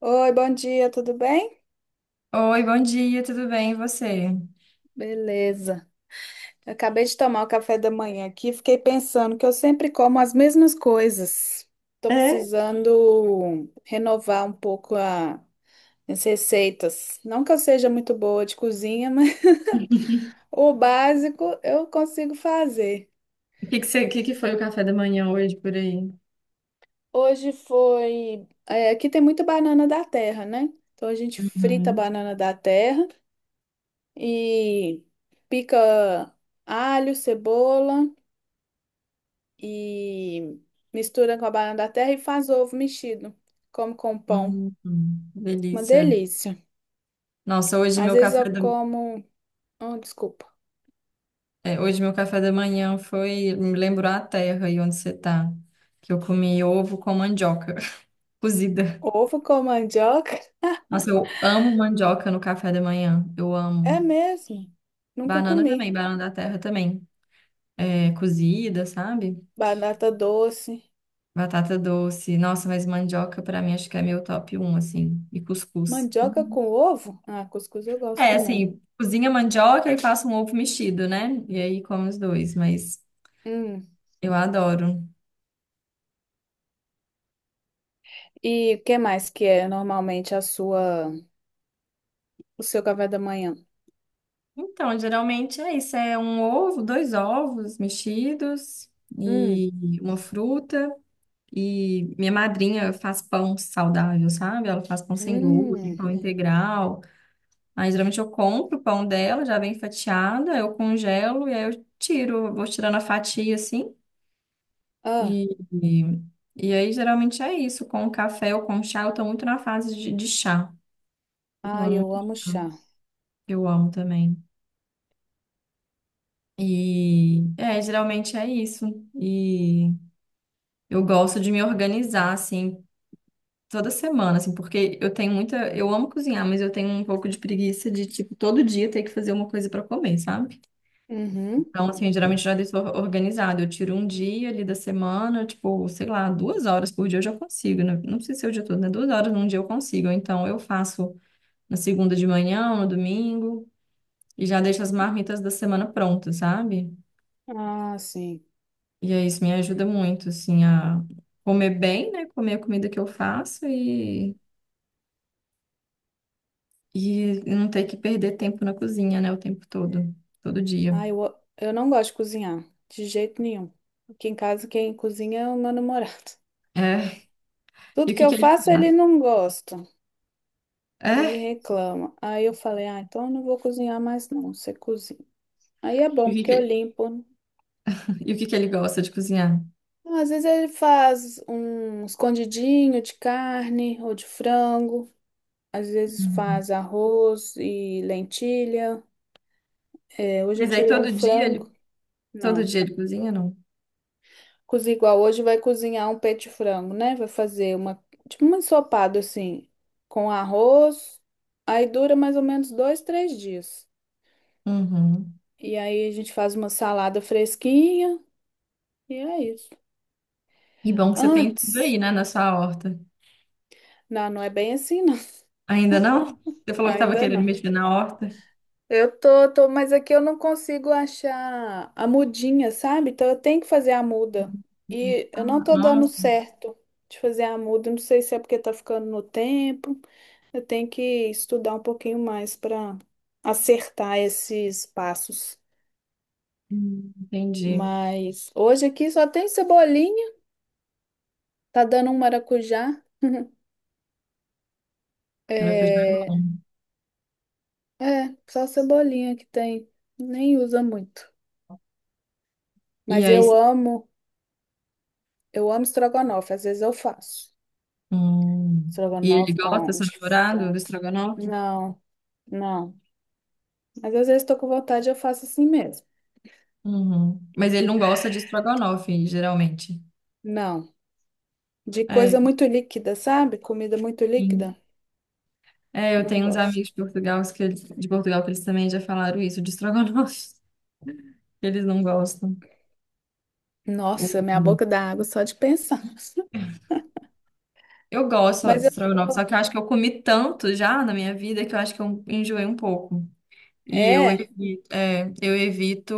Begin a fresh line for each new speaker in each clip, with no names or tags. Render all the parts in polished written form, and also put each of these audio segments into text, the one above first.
Oi, bom dia, tudo bem?
Oi, bom dia, tudo bem? E você?
Beleza. Eu acabei de tomar o café da manhã aqui, e fiquei pensando que eu sempre como as mesmas coisas. Tô
É?
precisando renovar um pouco as receitas. Não que eu seja muito boa de cozinha, mas o básico eu consigo fazer.
O que que foi o café da manhã hoje por aí?
Hoje foi, aqui tem muita banana da terra, né? Então a gente frita a
Uhum.
banana da terra e pica alho, cebola. E mistura com a banana da terra e faz ovo mexido. Como com um pão.
Uhum.
Uma
Delícia.
delícia.
Nossa,
Às vezes eu como. Oh, desculpa.
hoje meu café da manhã foi, me lembrou a terra e onde você tá, que eu comi ovo com mandioca cozida.
Ovo com mandioca?
Nossa, eu amo mandioca no café da manhã. Eu amo.
É mesmo. Nunca
Banana
comi.
também, banana da terra também. É, cozida, sabe?
Batata doce.
Batata doce. Nossa, mas mandioca pra mim acho que é meu top um assim. E cuscuz.
Mandioca
Uhum.
com ovo? Ah, cuscuz eu gosto
É,
também.
assim, cozinha mandioca e faço um ovo mexido, né? E aí como os dois, mas
Hum.
eu adoro.
E o que mais que é normalmente a o seu café da manhã?
Então, geralmente é isso, é um ovo, dois ovos mexidos
Hum.
e uma fruta. E minha madrinha faz pão saudável, sabe? Ela faz pão sem glúten,
Hum.
pão integral. Aí geralmente eu compro o pão dela, já bem fatiada, eu congelo e aí eu tiro, vou tirando a fatia assim.
Ah,
E, e, Aí geralmente é isso, com o café ou com chá, eu tô muito na fase de chá. Tô
ah,
tomando
eu
muito
amo
chá,
chá.
que eu amo também. E é, geralmente é isso. E eu gosto de me organizar assim toda semana, assim, porque eu amo cozinhar, mas eu tenho um pouco de preguiça de tipo todo dia ter que fazer uma coisa pra comer, sabe?
Uhum.
Então, assim, geralmente já deixo organizado. Eu tiro um dia ali da semana, tipo, sei lá, 2 horas por dia eu já consigo, né? Não precisa ser o dia todo, né? 2 horas num dia eu consigo. Ou então, eu faço na segunda de manhã, no domingo, e já deixo as marmitas da semana prontas, sabe?
Ah, sim.
E aí, isso me ajuda muito, assim, a comer bem, né? Comer a comida que eu faço e não ter que perder tempo na cozinha, né? O tempo todo, todo dia.
Ah, eu não gosto de cozinhar, de jeito nenhum. Aqui em casa quem cozinha é o meu namorado.
É. E
Tudo
o
que
que
eu
que ele
faço
faz?
ele não gosta, ele
É.
reclama. Aí eu falei, ah, então eu não vou cozinhar mais não, você cozinha. Aí é
E
bom
o que
porque eu
que,
limpo, né?
e o que que ele gosta de cozinhar?
Então, às vezes ele faz um escondidinho de carne ou de frango. Às vezes faz arroz e lentilha. É, hoje eu
Mas aí
tirei um frango.
todo
Não.
dia ele cozinha, não?
Cozinha igual hoje, vai cozinhar um peito de frango, né? Vai fazer uma, tipo um ensopado assim, com arroz. Aí dura mais ou menos dois, três dias.
Uhum.
E aí a gente faz uma salada fresquinha e é isso.
E bom que você tem tudo
Antes,
aí, né, na sua horta.
não, não é bem assim, não.
Ainda não? Você falou que estava
Ainda
querendo
não.
mexer na horta.
Eu tô, mas aqui eu não consigo achar a mudinha, sabe? Então eu tenho que fazer a muda. E eu não tô dando
Nossa,
certo de fazer a muda. Não sei se é porque tá ficando no tempo. Eu tenho que estudar um pouquinho mais para acertar esses passos.
entendi.
Mas hoje aqui só tem cebolinha, tá dando um maracujá.
Maracujá é bom.
É, é, só cebolinha que tem, nem usa muito.
E
Mas
aí, você-
eu amo estrogonofe, às vezes eu faço.
hum. E ele
Estrogonofe
gosta,
com
seu
de
namorado, do
frango.
estrogonofe?
Não, não. Mas às vezes tô com vontade, eu faço assim mesmo.
Uhum. Mas ele não gosta de estrogonofe, geralmente.
Não, de
É,
coisa muito líquida, sabe? Comida muito
sim.
líquida,
É, eu
não
tenho uns
gosto.
amigos de Portugal que eles, também já falaram isso de estrogonofe. Que eles não gostam.
Nossa, minha boca dá água só de pensar.
Eu gosto
Mas
de
eu
estrogonofe, só
sou.
que eu acho que eu comi tanto já na minha vida que eu acho que eu enjoei um pouco. E eu
É.
evito, é, eu evito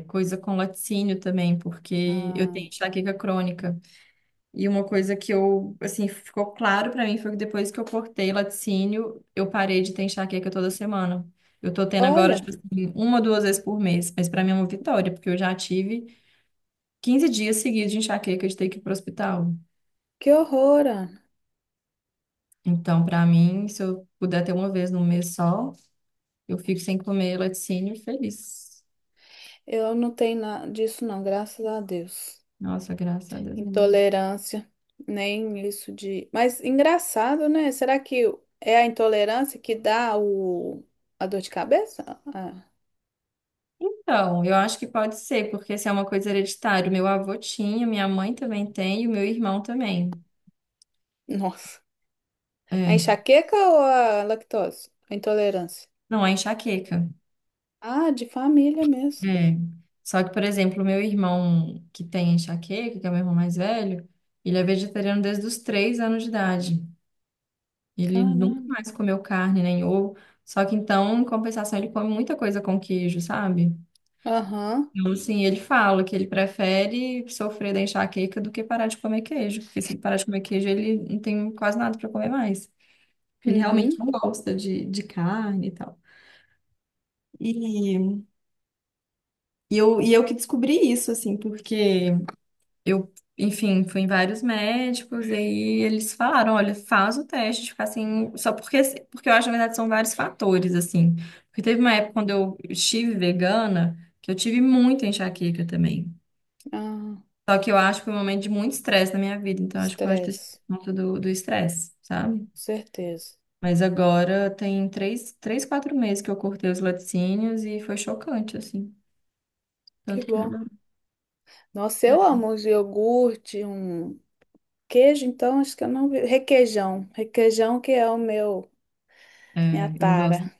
é, coisa com laticínio também, porque eu
Ah,
tenho enxaqueca crônica. E uma coisa que eu, assim, ficou claro pra mim foi que depois que eu cortei laticínio, eu parei de ter enxaqueca toda semana. Eu tô tendo agora, tipo
olha,
assim, 1, 2 vezes por mês. Mas pra mim é uma vitória, porque eu já tive 15 dias seguidos de enxaqueca de ter que ir pro hospital.
que horror, Ana.
Então, para mim, se eu puder ter 1 vez no mês só, eu fico sem comer laticínio feliz.
Eu não tenho nada disso, não, graças a Deus.
Nossa, graças a Deus mesmo.
Intolerância, nem isso de. Mas engraçado, né? Será que é a intolerância que dá o... a dor de cabeça? Ah,
Então, eu acho que pode ser, porque se é uma coisa hereditária, meu avô tinha, minha mãe também tem e o meu irmão também.
nossa. A
É.
enxaqueca ou a lactose? A intolerância.
Não, é enxaqueca.
Ah, de família mesmo.
É. Só que, por exemplo, o meu irmão que tem enxaqueca, que é o meu irmão mais velho, ele é vegetariano desde os 3 anos de idade. Ele nunca
Caramba.
mais comeu carne nem ovo. Só que então, em compensação, ele come muita coisa com queijo, sabe?
Aham.
Então, sim, ele fala que ele prefere sofrer da enxaqueca do que parar de comer queijo, porque se ele parar de comer queijo, ele não tem quase nada para comer mais. Ele realmente
Uhum.
não gosta de carne e tal. E, e eu que descobri isso, assim, porque eu, enfim, fui em vários médicos, e aí eles falaram, olha, faz o teste de ficar assim, porque eu acho, na verdade, são vários fatores, assim. Porque teve uma época quando eu estive vegana, que eu tive muita enxaqueca também.
Ah,
Só que eu acho que foi um momento de muito estresse na minha vida, então acho que pode ter sido
estresse.
por conta do estresse, sabe?
Com certeza.
Mas agora tem 3, 3, 4 meses que eu cortei os laticínios e foi chocante, assim.
Que
Tanto que
bom.
mudou.
Nossa, eu amo um iogurte, um queijo, então acho que eu não vi. Requeijão. Requeijão que é o meu, minha
É, eu gosto.
tara.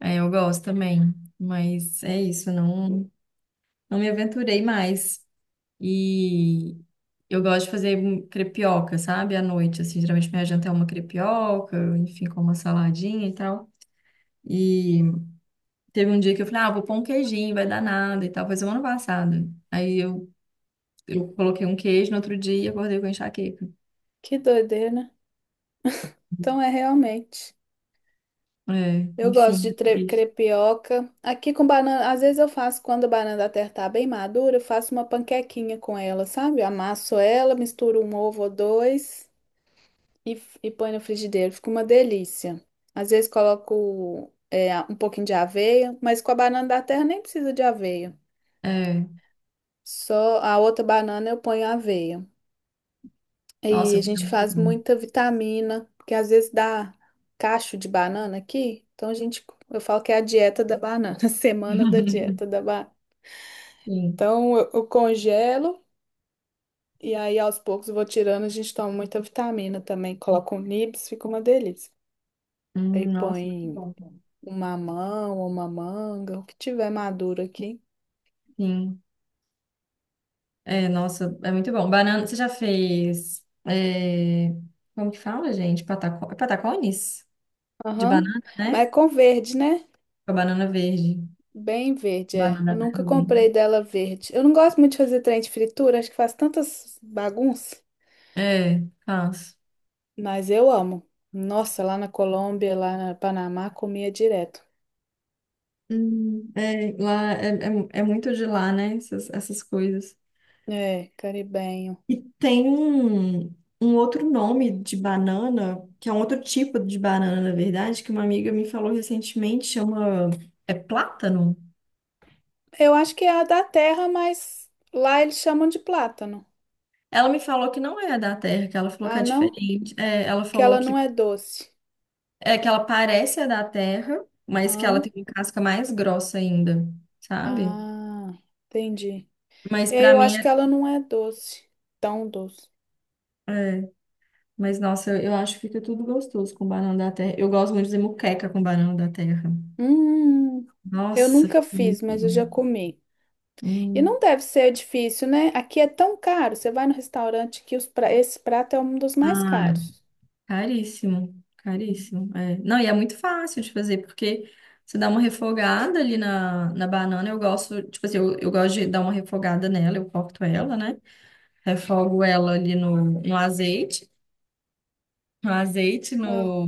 É, eu gosto também. Mas é isso, não, não me aventurei mais. E eu gosto de fazer um crepioca, sabe? À noite, assim, geralmente minha janta é uma crepioca, enfim, com uma saladinha e tal. E teve um dia que eu falei, ah, vou pôr um queijinho, vai dar nada e tal. Foi semana passada. Aí eu coloquei um queijo no outro dia e acordei com enxaqueca.
Que doideira, né? Então é realmente.
É,
Eu gosto
enfim,
de
é triste.
crepioca. Aqui com banana, às vezes eu faço quando a banana da terra tá bem madura, eu faço uma panquequinha com ela, sabe? Eu amasso ela, misturo um ovo ou dois. E põe no frigideiro. Fica uma delícia. Às vezes coloco um pouquinho de aveia, mas com a banana da terra nem precisa de aveia.
É,
Só a outra banana eu ponho aveia. E
nossa,
a
fica
gente
muito
faz
bom.
muita vitamina, porque às vezes dá cacho de banana aqui. Então eu falo que é a dieta da banana, semana da dieta da banana.
Sim.
Então eu congelo e aí aos poucos eu vou tirando, a gente toma muita vitamina também. Coloco um nibs, fica uma delícia. Aí
Nossa, muito
põe
bom.
uma mamão ou uma manga, o que tiver maduro aqui.
Sim. É, nossa, é muito bom. Banana, você já fez. É, como que fala, gente? É patacones? De
Aham.
banana,
Mas
né?
é com verde, né?
Com a banana verde.
Bem verde, é.
Banana
Eu
da
nunca
terra verde.
comprei dela verde. Eu não gosto muito de fazer trem de fritura, acho que faz tantas bagunças,
É, faço.
mas eu amo. Nossa, lá na Colômbia, lá na Panamá, comia direto.
É, lá é muito de lá, né? Essas coisas.
É, caribenho.
E tem um outro nome de banana, que é um outro tipo de banana, na verdade, que uma amiga me falou recentemente, chama... É plátano?
Eu acho que é a da terra, mas lá eles chamam de plátano.
Ela me falou que não é da terra, que ela falou que
Ah,
é
não?
diferente. É, ela
Que
falou
ela não
que
é doce.
é que ela parece a da terra, mas que ela
Hã?
tem uma casca mais grossa ainda, sabe?
Ah, entendi.
Mas
É,
pra
eu
mim
acho
é.
que ela não é tão doce.
É, mas, nossa, eu acho que fica tudo gostoso com banana da terra. Eu gosto muito de fazer moqueca com banana da terra.
Hum, eu
Nossa,
nunca
fica muito
fiz, mas eu já
bom.
comi. E
Hum.
não deve ser difícil, né? Aqui é tão caro. Você vai no restaurante que os pra... esse prato é um dos mais
Ah,
caros.
caríssimo, caríssimo. Não, e é muito fácil de fazer, porque você dá uma refogada ali na banana. Eu gosto, tipo assim, eu gosto de dar uma refogada nela, eu corto ela, né? Refogo ela ali no azeite, no azeite,
Ah,
no,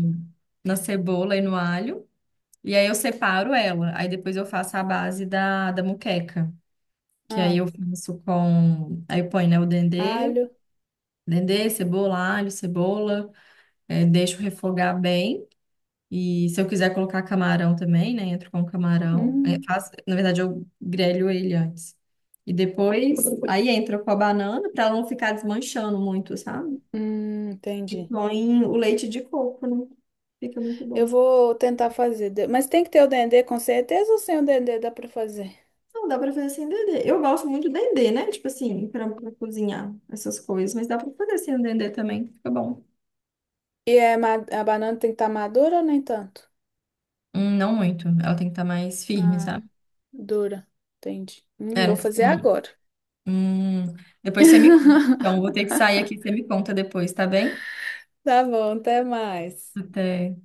na cebola e no alho. E aí eu separo ela. Aí depois eu faço a base da moqueca. Que aí eu
ah,
faço com. Aí eu ponho, né, o dendê,
alho.
dendê, cebola, alho, cebola, deixo refogar bem. E se eu quiser colocar camarão também, né, entro com camarão.
Hum,
Na verdade, eu grelho ele antes. E depois, aí entra com a banana, para não ficar desmanchando muito, sabe?
hum,
E
entendi.
põe o leite de coco, né? Fica muito
Eu
bom.
vou tentar fazer, mas tem que ter o dendê com certeza ou sem o dendê dá pra fazer?
Não, dá pra fazer sem dendê. Eu gosto muito do dendê, né? Tipo assim, pra cozinhar essas coisas, mas dá pra fazer sem o dendê também, fica bom.
E é a banana tem que estar madura ou nem tanto?
Não muito. Ela tem que estar mais firme,
Ah,
sabe?
dura. Entendi.
É,
Vou fazer agora.
hum. Depois você me conta. Então, vou ter que sair aqui, você me conta depois, tá bem?
Tá bom, até mais.
Até.